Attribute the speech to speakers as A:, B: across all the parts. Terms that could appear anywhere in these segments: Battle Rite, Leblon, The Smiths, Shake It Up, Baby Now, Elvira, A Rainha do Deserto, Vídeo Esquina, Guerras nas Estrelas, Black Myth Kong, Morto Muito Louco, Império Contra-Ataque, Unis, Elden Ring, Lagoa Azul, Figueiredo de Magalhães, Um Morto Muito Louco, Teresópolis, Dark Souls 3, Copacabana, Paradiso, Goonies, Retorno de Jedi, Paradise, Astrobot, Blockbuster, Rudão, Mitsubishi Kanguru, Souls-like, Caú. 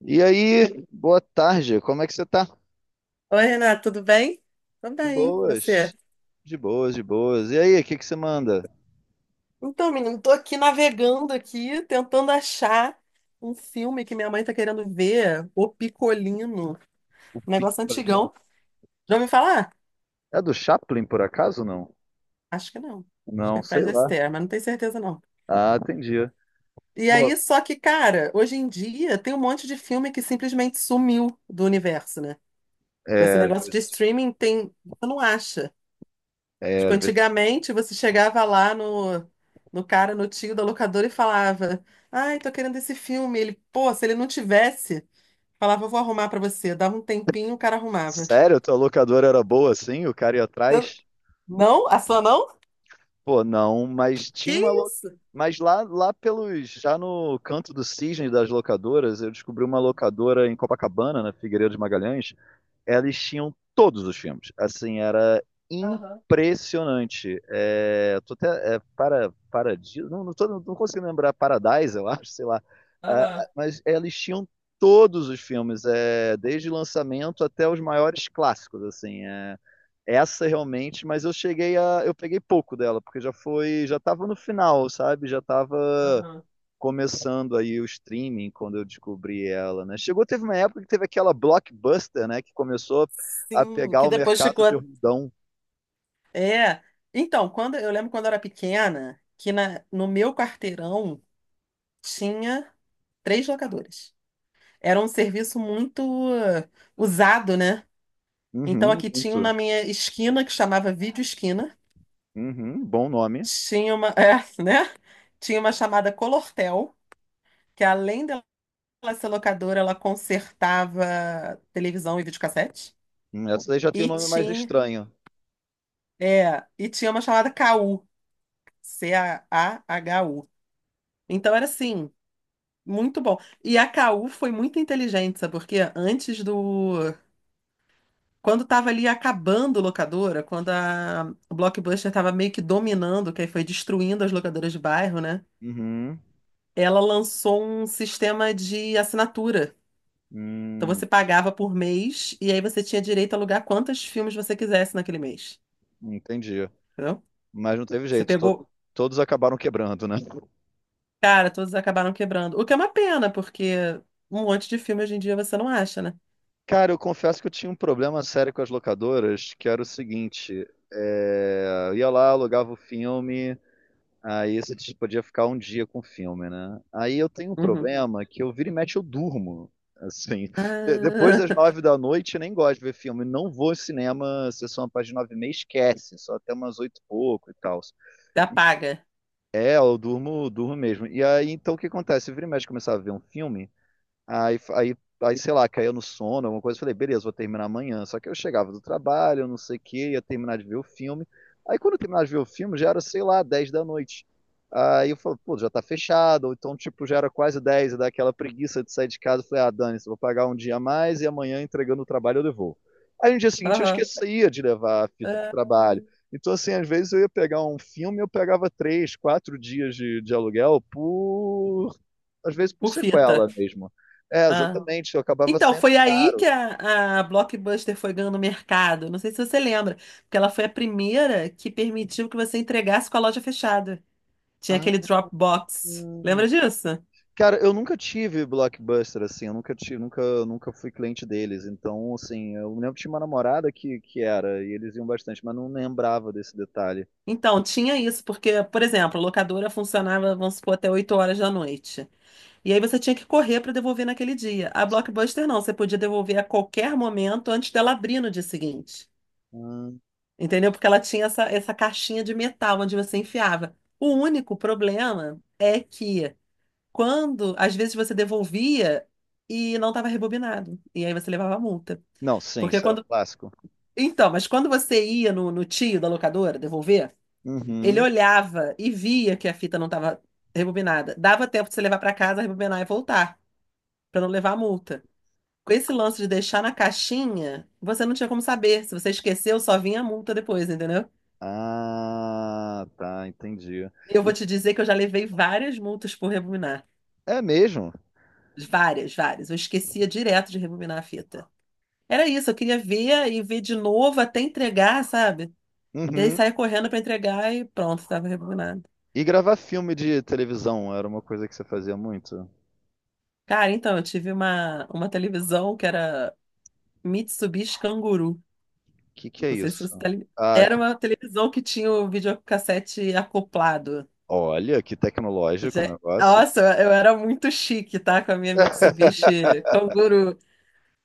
A: E aí, boa tarde, como é que você tá?
B: Oi, Renato, tudo bem? Tudo
A: De
B: bem, e você?
A: boas, de boas, de boas. E aí, o que que você manda?
B: Então, menino, tô aqui navegando aqui, tentando achar um filme que minha mãe tá querendo ver, O Picolino,
A: O
B: um negócio
A: Picolino.
B: antigão. Já ouviu falar?
A: É do Chaplin, por acaso, não?
B: Acho que não. Acho que
A: Não,
B: é
A: sei
B: Fred
A: lá.
B: Astaire, mas não tenho certeza não.
A: Ah, entendi.
B: E aí,
A: Pô,
B: só que, cara, hoje em dia tem um monte de filme que simplesmente sumiu do universo, né? Com esse
A: é,
B: negócio de streaming, tem. Você não acha?
A: é,
B: Tipo,
A: às vezes-
B: antigamente você chegava lá no cara, no tio da locadora e falava: Ai, tô querendo esse filme. Ele, pô, se ele não tivesse, falava: Eu vou arrumar pra você. Dava um tempinho, o cara arrumava.
A: sério, tua locadora era boa assim? O cara ia
B: Eu-
A: atrás?
B: Não? A sua não?
A: Pô, não, mas
B: Que
A: tinha uma lo...
B: isso?
A: Mas lá pelos, já no canto do cisne das locadoras, eu descobri uma locadora em Copacabana, na Figueiredo de Magalhães, eles tinham todos os filmes. Assim, era
B: Aham,
A: impressionante. É, tô até, é, para, Paradiso, não, não, tô, não consigo lembrar, Paradise, eu acho, sei lá. Ah,
B: aham,
A: mas eles tinham todos os filmes, é, desde o lançamento até os maiores clássicos, assim. É, essa realmente, mas eu cheguei a, eu peguei pouco dela, porque já foi, já estava no final, sabe? Já estava
B: aham.
A: começando aí o streaming quando eu descobri ela, né? Chegou, teve uma época que teve aquela Blockbuster, né? Que começou a
B: Sim,
A: pegar
B: que
A: o
B: depois
A: mercado
B: ficou.
A: de Rudão.
B: É. Então, quando eu lembro quando eu era pequena, que na, no meu quarteirão tinha três locadores. Era um serviço muito usado, né? Então
A: Uhum,
B: aqui tinha um na
A: muito.
B: minha esquina que chamava Vídeo Esquina.
A: Uhum, bom nome.
B: Tinha uma, é, né? Tinha uma chamada Colortel, que além dela ser locadora, ela consertava televisão e videocassete.
A: Essa daí já tem um
B: E
A: nome mais
B: tinha,
A: estranho.
B: e tinha uma chamada Caú C-A-H-U. Então era assim, muito bom. E a Caú foi muito inteligente, sabe? Porque antes do. Quando estava ali acabando locadora, quando a Blockbuster estava meio que dominando, que aí foi destruindo as locadoras de bairro, né?
A: Uhum,
B: Ela lançou um sistema de assinatura. Então
A: hum,
B: você pagava por mês e aí você tinha direito a alugar quantos filmes você quisesse naquele mês.
A: entendi.
B: Entendeu?
A: Mas não teve
B: Você
A: jeito,
B: pegou.
A: todos acabaram quebrando, né?
B: Cara, todos acabaram quebrando. O que é uma pena, porque um monte de filme hoje em dia você não acha, né?
A: Cara, eu confesso que eu tinha um problema sério com as locadoras, que era o seguinte, é, eu ia lá, alugava o filme. Aí você tipo, podia ficar um dia com o filme, né? Aí eu tenho um
B: Uhum.
A: problema que eu vira e mexe eu durmo. Assim, depois
B: Ah,
A: das nove da noite eu nem gosto de ver filme. Não vou ao cinema, sessão a partir de nove e meia, esquece. Só até umas oito e pouco e tal.
B: já paga.
A: É, eu durmo, durmo mesmo. E aí, então o que acontece? Eu vira e mexe começar a ver um filme. Aí, aí, aí, sei lá, caiu no sono, alguma coisa. Eu falei, beleza, vou terminar amanhã. Só que eu chegava do trabalho, não sei o quê, ia terminar de ver o filme. Aí quando eu terminava de ver o filme, já era, sei lá, 10 da noite. Aí eu falei, pô, já tá fechado. Ou então, tipo, já era quase 10 e dá aquela preguiça de sair de casa. Eu falei, ah, dane vou pagar um dia a mais e amanhã, entregando o trabalho, eu devolvo. Aí no dia seguinte eu
B: Aham.
A: esquecia de levar a fita pro
B: Ah,
A: trabalho. Então, assim, às vezes eu ia pegar um filme, eu pegava três, quatro dias de aluguel por às vezes por
B: por fita.
A: sequela mesmo. É,
B: Ah.
A: exatamente, eu acabava
B: Então,
A: sendo
B: foi aí que
A: caro.
B: a Blockbuster foi ganhando mercado. Não sei se você lembra, porque ela foi a primeira que permitiu que você entregasse com a loja fechada. Tinha
A: Ah,
B: aquele Dropbox.
A: hum.
B: Lembra disso?
A: Cara, eu nunca tive Blockbuster, assim, eu nunca tive, nunca, nunca fui cliente deles. Então, assim, eu lembro que tinha uma namorada que era, e eles iam bastante, mas não lembrava desse detalhe.
B: Então, tinha isso, porque, por exemplo, a locadora funcionava, vamos supor, até 8 horas da noite. E aí você tinha que correr para devolver naquele dia. A Blockbuster não, você podia devolver a qualquer momento antes dela abrir no dia seguinte.
A: Hum.
B: Entendeu? Porque ela tinha essa caixinha de metal onde você enfiava. O único problema é que quando, às vezes, você devolvia e não estava rebobinado. E aí você levava a multa.
A: Não, sim,
B: Porque
A: isso era um
B: quando.
A: clássico.
B: Então, mas quando você ia no, no tio da locadora devolver. Ele
A: Uhum.
B: olhava e via que a fita não estava rebobinada. Dava tempo de você levar para casa, rebobinar e voltar, para não levar a multa. Com esse lance de deixar na caixinha, você não tinha como saber. Se você esqueceu, só vinha a multa depois, entendeu?
A: Ah, tá, entendi.
B: E eu vou
A: E-
B: te dizer que eu já levei várias multas por rebobinar.
A: é mesmo?
B: Várias, várias. Eu esquecia direto de rebobinar a fita. Era isso, eu queria ver e ver de novo até entregar, sabe? E aí
A: Uhum.
B: saía correndo para entregar e pronto, estava rebobinado.
A: E gravar filme de televisão era uma coisa que você fazia muito? O
B: Cara, então, eu tive uma televisão que era Mitsubishi Kanguru.
A: que que é
B: Não sei se
A: isso?
B: você tá ligado.
A: Ah,
B: Era uma televisão que tinha o videocassete acoplado.
A: olha, que tecnológico o negócio.
B: Nossa, eu era muito chique, tá? Com a minha Mitsubishi Kangoo.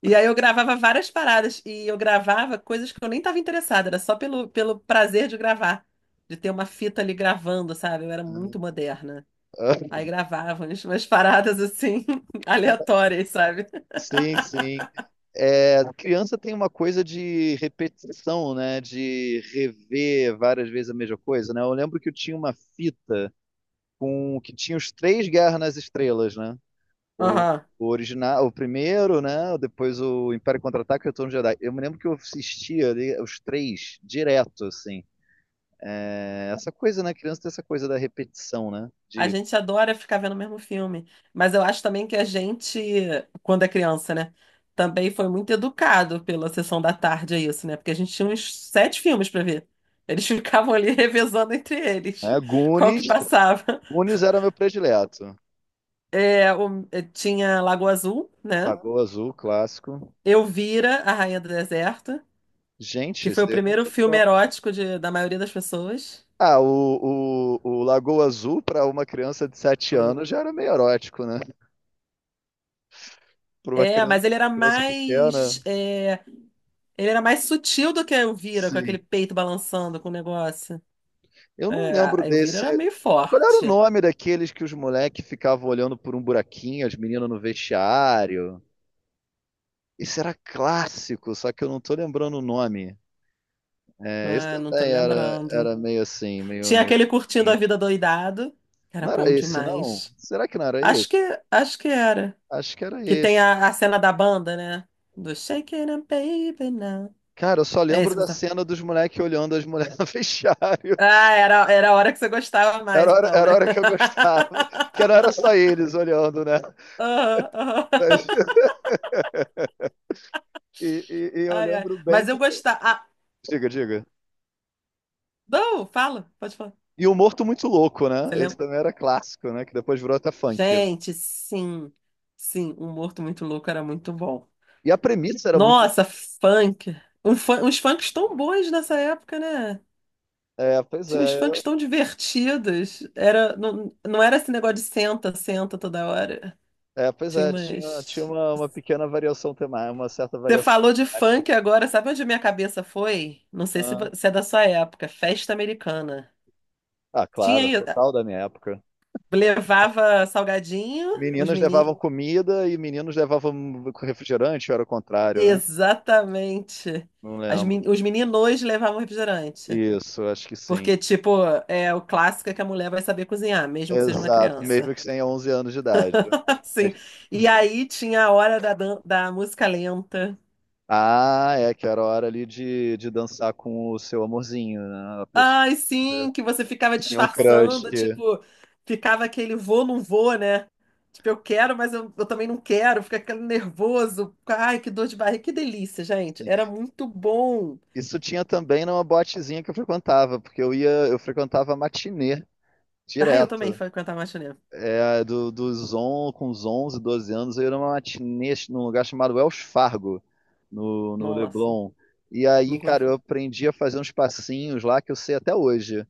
B: E aí eu gravava várias paradas. E eu gravava coisas que eu nem tava interessada. Era só pelo prazer de gravar. De ter uma fita ali gravando, sabe? Eu era muito moderna. Aí gravava umas paradas assim, aleatórias, sabe?
A: Sim, sim. É, criança tem uma coisa de repetição, né? De rever várias vezes a mesma coisa, né? Eu lembro que eu tinha uma fita com que tinha os três Guerras nas Estrelas, né? O,
B: Aham.
A: o original, o primeiro, né? Depois o Império Contra-Ataque e o Retorno de Jedi. Eu me lembro que eu assistia ali os três direto, assim. É, essa coisa, né? Criança tem essa coisa da repetição, né?
B: A
A: De
B: gente adora ficar vendo o mesmo filme, mas eu acho também que a gente, quando é criança, né, também foi muito educado pela sessão da tarde, é isso, né? Porque a gente tinha uns sete filmes para ver. Eles ficavam ali revezando entre eles,
A: né?
B: qual que
A: Goonies,
B: passava.
A: Unis era meu predileto.
B: É, tinha Lagoa Azul, né?
A: Lagoa Azul, clássico.
B: Elvira, A Rainha do Deserto,
A: Gente,
B: que foi
A: esse
B: o
A: daí eu não
B: primeiro
A: tô
B: filme
A: ligado.
B: erótico da maioria das pessoas.
A: Ah, o Lagoa Azul para uma criança de 7
B: Lagoa Azul.
A: anos já era meio erótico, né? Para uma
B: É,
A: criança,
B: mas ele
A: pra
B: era
A: criança pequena.
B: mais eh, Ele era mais sutil do que a Elvira, com aquele
A: Sim.
B: peito balançando com o negócio.
A: Eu não
B: É,
A: lembro
B: a Elvira
A: desse.
B: era meio
A: Qual era o
B: forte.
A: nome daqueles que os moleques ficavam olhando por um buraquinho, as meninas no vestiário? Esse era clássico, só que eu não tô lembrando o nome. É, esse
B: Ah, não tô
A: também era,
B: lembrando.
A: era meio assim, meio,
B: Tinha
A: meio.
B: aquele curtindo a vida doidado, que era
A: Não era
B: bom
A: esse, não?
B: demais.
A: Será que não era
B: Acho
A: esse?
B: que, acho que era.
A: Acho que era
B: Que tem
A: esse.
B: a cena da banda, né? Do Shake It Up, Baby Now.
A: Cara, eu só
B: É
A: lembro
B: isso que
A: da
B: você tá.
A: cena dos moleques olhando as mulheres no vestiário.
B: Ah, era, era a hora que você gostava mais, então,
A: Era a
B: né?
A: hora que eu gostava. Que não era só eles olhando, né?
B: Aham, aham.
A: Mas- e eu
B: Ai, ai.
A: lembro bem.
B: Mas eu gostava. Ah,
A: Diga, diga.
B: não, fala, pode falar.
A: E o Morto Muito Louco, né?
B: Você
A: Esse
B: lembra?
A: também era clássico, né? Que depois virou até funk, né?
B: Gente, sim, sim, Um Morto Muito Louco era muito bom.
A: E a premissa era muito.
B: Nossa, funk. Uns funks tão bons nessa época, né?
A: É, pois
B: Tinha uns
A: é.
B: funks tão divertidos. Era, não, não era esse negócio de senta, senta toda hora.
A: É, pois
B: Tinha
A: é. Tinha
B: umas.
A: uma pequena variação temática, uma certa
B: Você
A: variação
B: falou de
A: temática.
B: funk agora, sabe onde minha cabeça foi? Não sei se,
A: Ah,
B: vo- se é da sua época, festa americana.
A: ah,
B: Tinha
A: claro.
B: aí,
A: Total da minha época.
B: levava salgadinho, os
A: Meninas
B: meninos.
A: levavam comida e meninos levavam refrigerante, ou era o contrário, né?
B: Exatamente.
A: Não
B: As men-
A: lembro.
B: os meninos levavam refrigerante.
A: Isso, acho que sim.
B: Porque, tipo, é o clássico é que a mulher vai saber cozinhar, mesmo que seja uma
A: Exato, mesmo
B: criança.
A: que tenha 11 anos de idade.
B: Sim.
A: Mas-
B: E aí tinha a hora da, da música lenta.
A: ah, é que era a hora ali de dançar com o seu amorzinho, né? A pessoa
B: Ai, sim, que você ficava
A: que tinha um crush.
B: disfarçando, tipo, ficava aquele vou, não vou, né? Tipo, eu quero, mas eu também não quero, fica aquele nervoso. Ai, que dor de barriga, que delícia, gente.
A: Sim.
B: Era muito bom.
A: Isso tinha também numa botezinha que eu frequentava, porque eu ia, eu frequentava matinê
B: Ai, eu também
A: direto.
B: frequentava matinê.
A: É, do, dos on, com uns 11, 12 anos, eu ia numa matinê num lugar chamado Wells Fargo, no
B: Nossa,
A: Leblon. E aí,
B: nunca.
A: cara, eu aprendi a fazer uns passinhos lá que eu sei até hoje.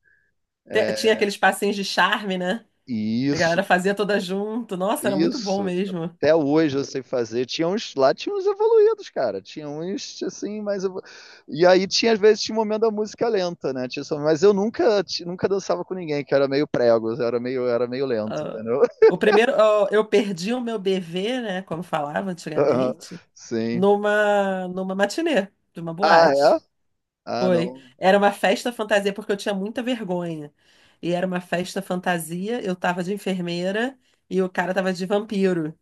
B: Tinha
A: É,
B: aqueles passinhos de charme, né?
A: e
B: A galera
A: isso,
B: fazia toda junto. Nossa, era muito bom
A: isso.
B: mesmo.
A: Até hoje eu sei fazer. Tinha uns, lá tinha uns evoluídos, cara. Tinha uns, assim. E aí tinha, às vezes, tinha um momento da música lenta, né? Tinha, mas eu nunca, nunca dançava com ninguém, que era meio prego, era meio lento,
B: Ah,
A: entendeu?
B: o primeiro, ah, eu perdi o meu bebê, né? Como falava antigamente,
A: Sim.
B: numa matinê, de uma
A: Ah,
B: boate.
A: é? Ah,
B: Foi.
A: não.
B: Era uma festa fantasia, porque eu tinha muita vergonha. E era uma festa fantasia, eu tava de enfermeira e o cara tava de vampiro.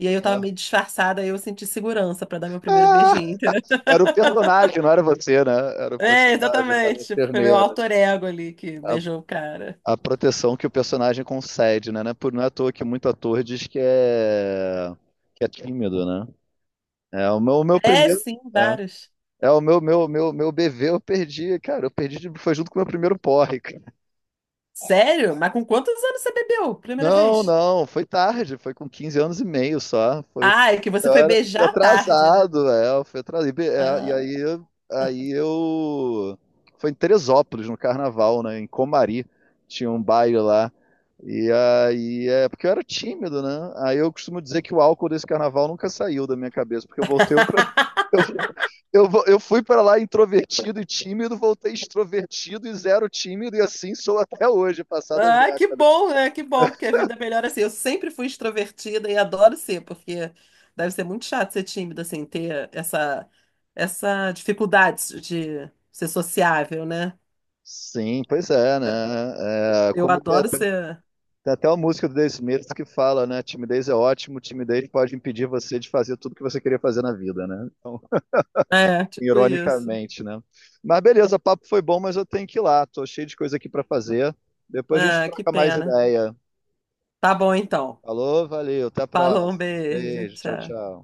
B: E aí eu tava
A: Ah,
B: meio disfarçada, aí eu senti segurança pra dar meu primeiro
A: ah,
B: beijinho, entendeu?
A: era o personagem, não era você, né? Era o
B: É,
A: personagem, era a
B: exatamente. Tipo, foi meu
A: enfermeira.
B: alter ego ali que
A: A,
B: beijou o cara.
A: a proteção que o personagem concede, né? Não é à toa que muito ator diz que é tímido, né? É o meu
B: É,
A: primeiro.
B: sim,
A: É,
B: vários.
A: é o meu bebê, eu perdi, cara. Eu perdi, foi junto com o meu primeiro porre.
B: Sério? Mas com quantos anos você bebeu? Primeira
A: Não,
B: vez?
A: não, foi tarde, foi com 15 anos e meio só. Foi,
B: Ah, é que você
A: eu
B: foi
A: era, fui
B: beijar à tarde, né?
A: atrasado, é, eu fui atrasado. E, é, e
B: Ah.
A: aí, aí eu. Foi em Teresópolis, no carnaval, né? Em Comari, tinha um baile lá. E aí, é porque eu era tímido, né? Aí eu costumo dizer que o álcool desse carnaval nunca saiu da minha cabeça, porque eu voltei outra. Eu fui pra lá introvertido e tímido, voltei extrovertido e zero tímido, e assim sou até hoje, passadas
B: Ah, que
A: décadas.
B: bom, né? Que bom, porque a vida é melhor assim. Eu sempre fui extrovertida e adoro ser, porque deve ser muito chato ser tímida, assim, ter essa dificuldade de ser sociável, né?
A: Sim, pois é, né? É,
B: Eu
A: como
B: adoro ser.
A: tem até uma música do The Smiths que fala, né? Timidez é ótimo, timidez pode impedir você de fazer tudo que você queria fazer na vida, né? Então,
B: É, tipo isso.
A: ironicamente, né? Mas beleza, o papo foi bom, mas eu tenho que ir lá. Tô cheio de coisa aqui para fazer. Depois a gente
B: Ah, que
A: troca mais
B: pena.
A: ideia.
B: Tá bom, então.
A: Falou, valeu, até a
B: Falou, um
A: próxima.
B: beijo.
A: Beijo, tchau,
B: Tchau.
A: tchau.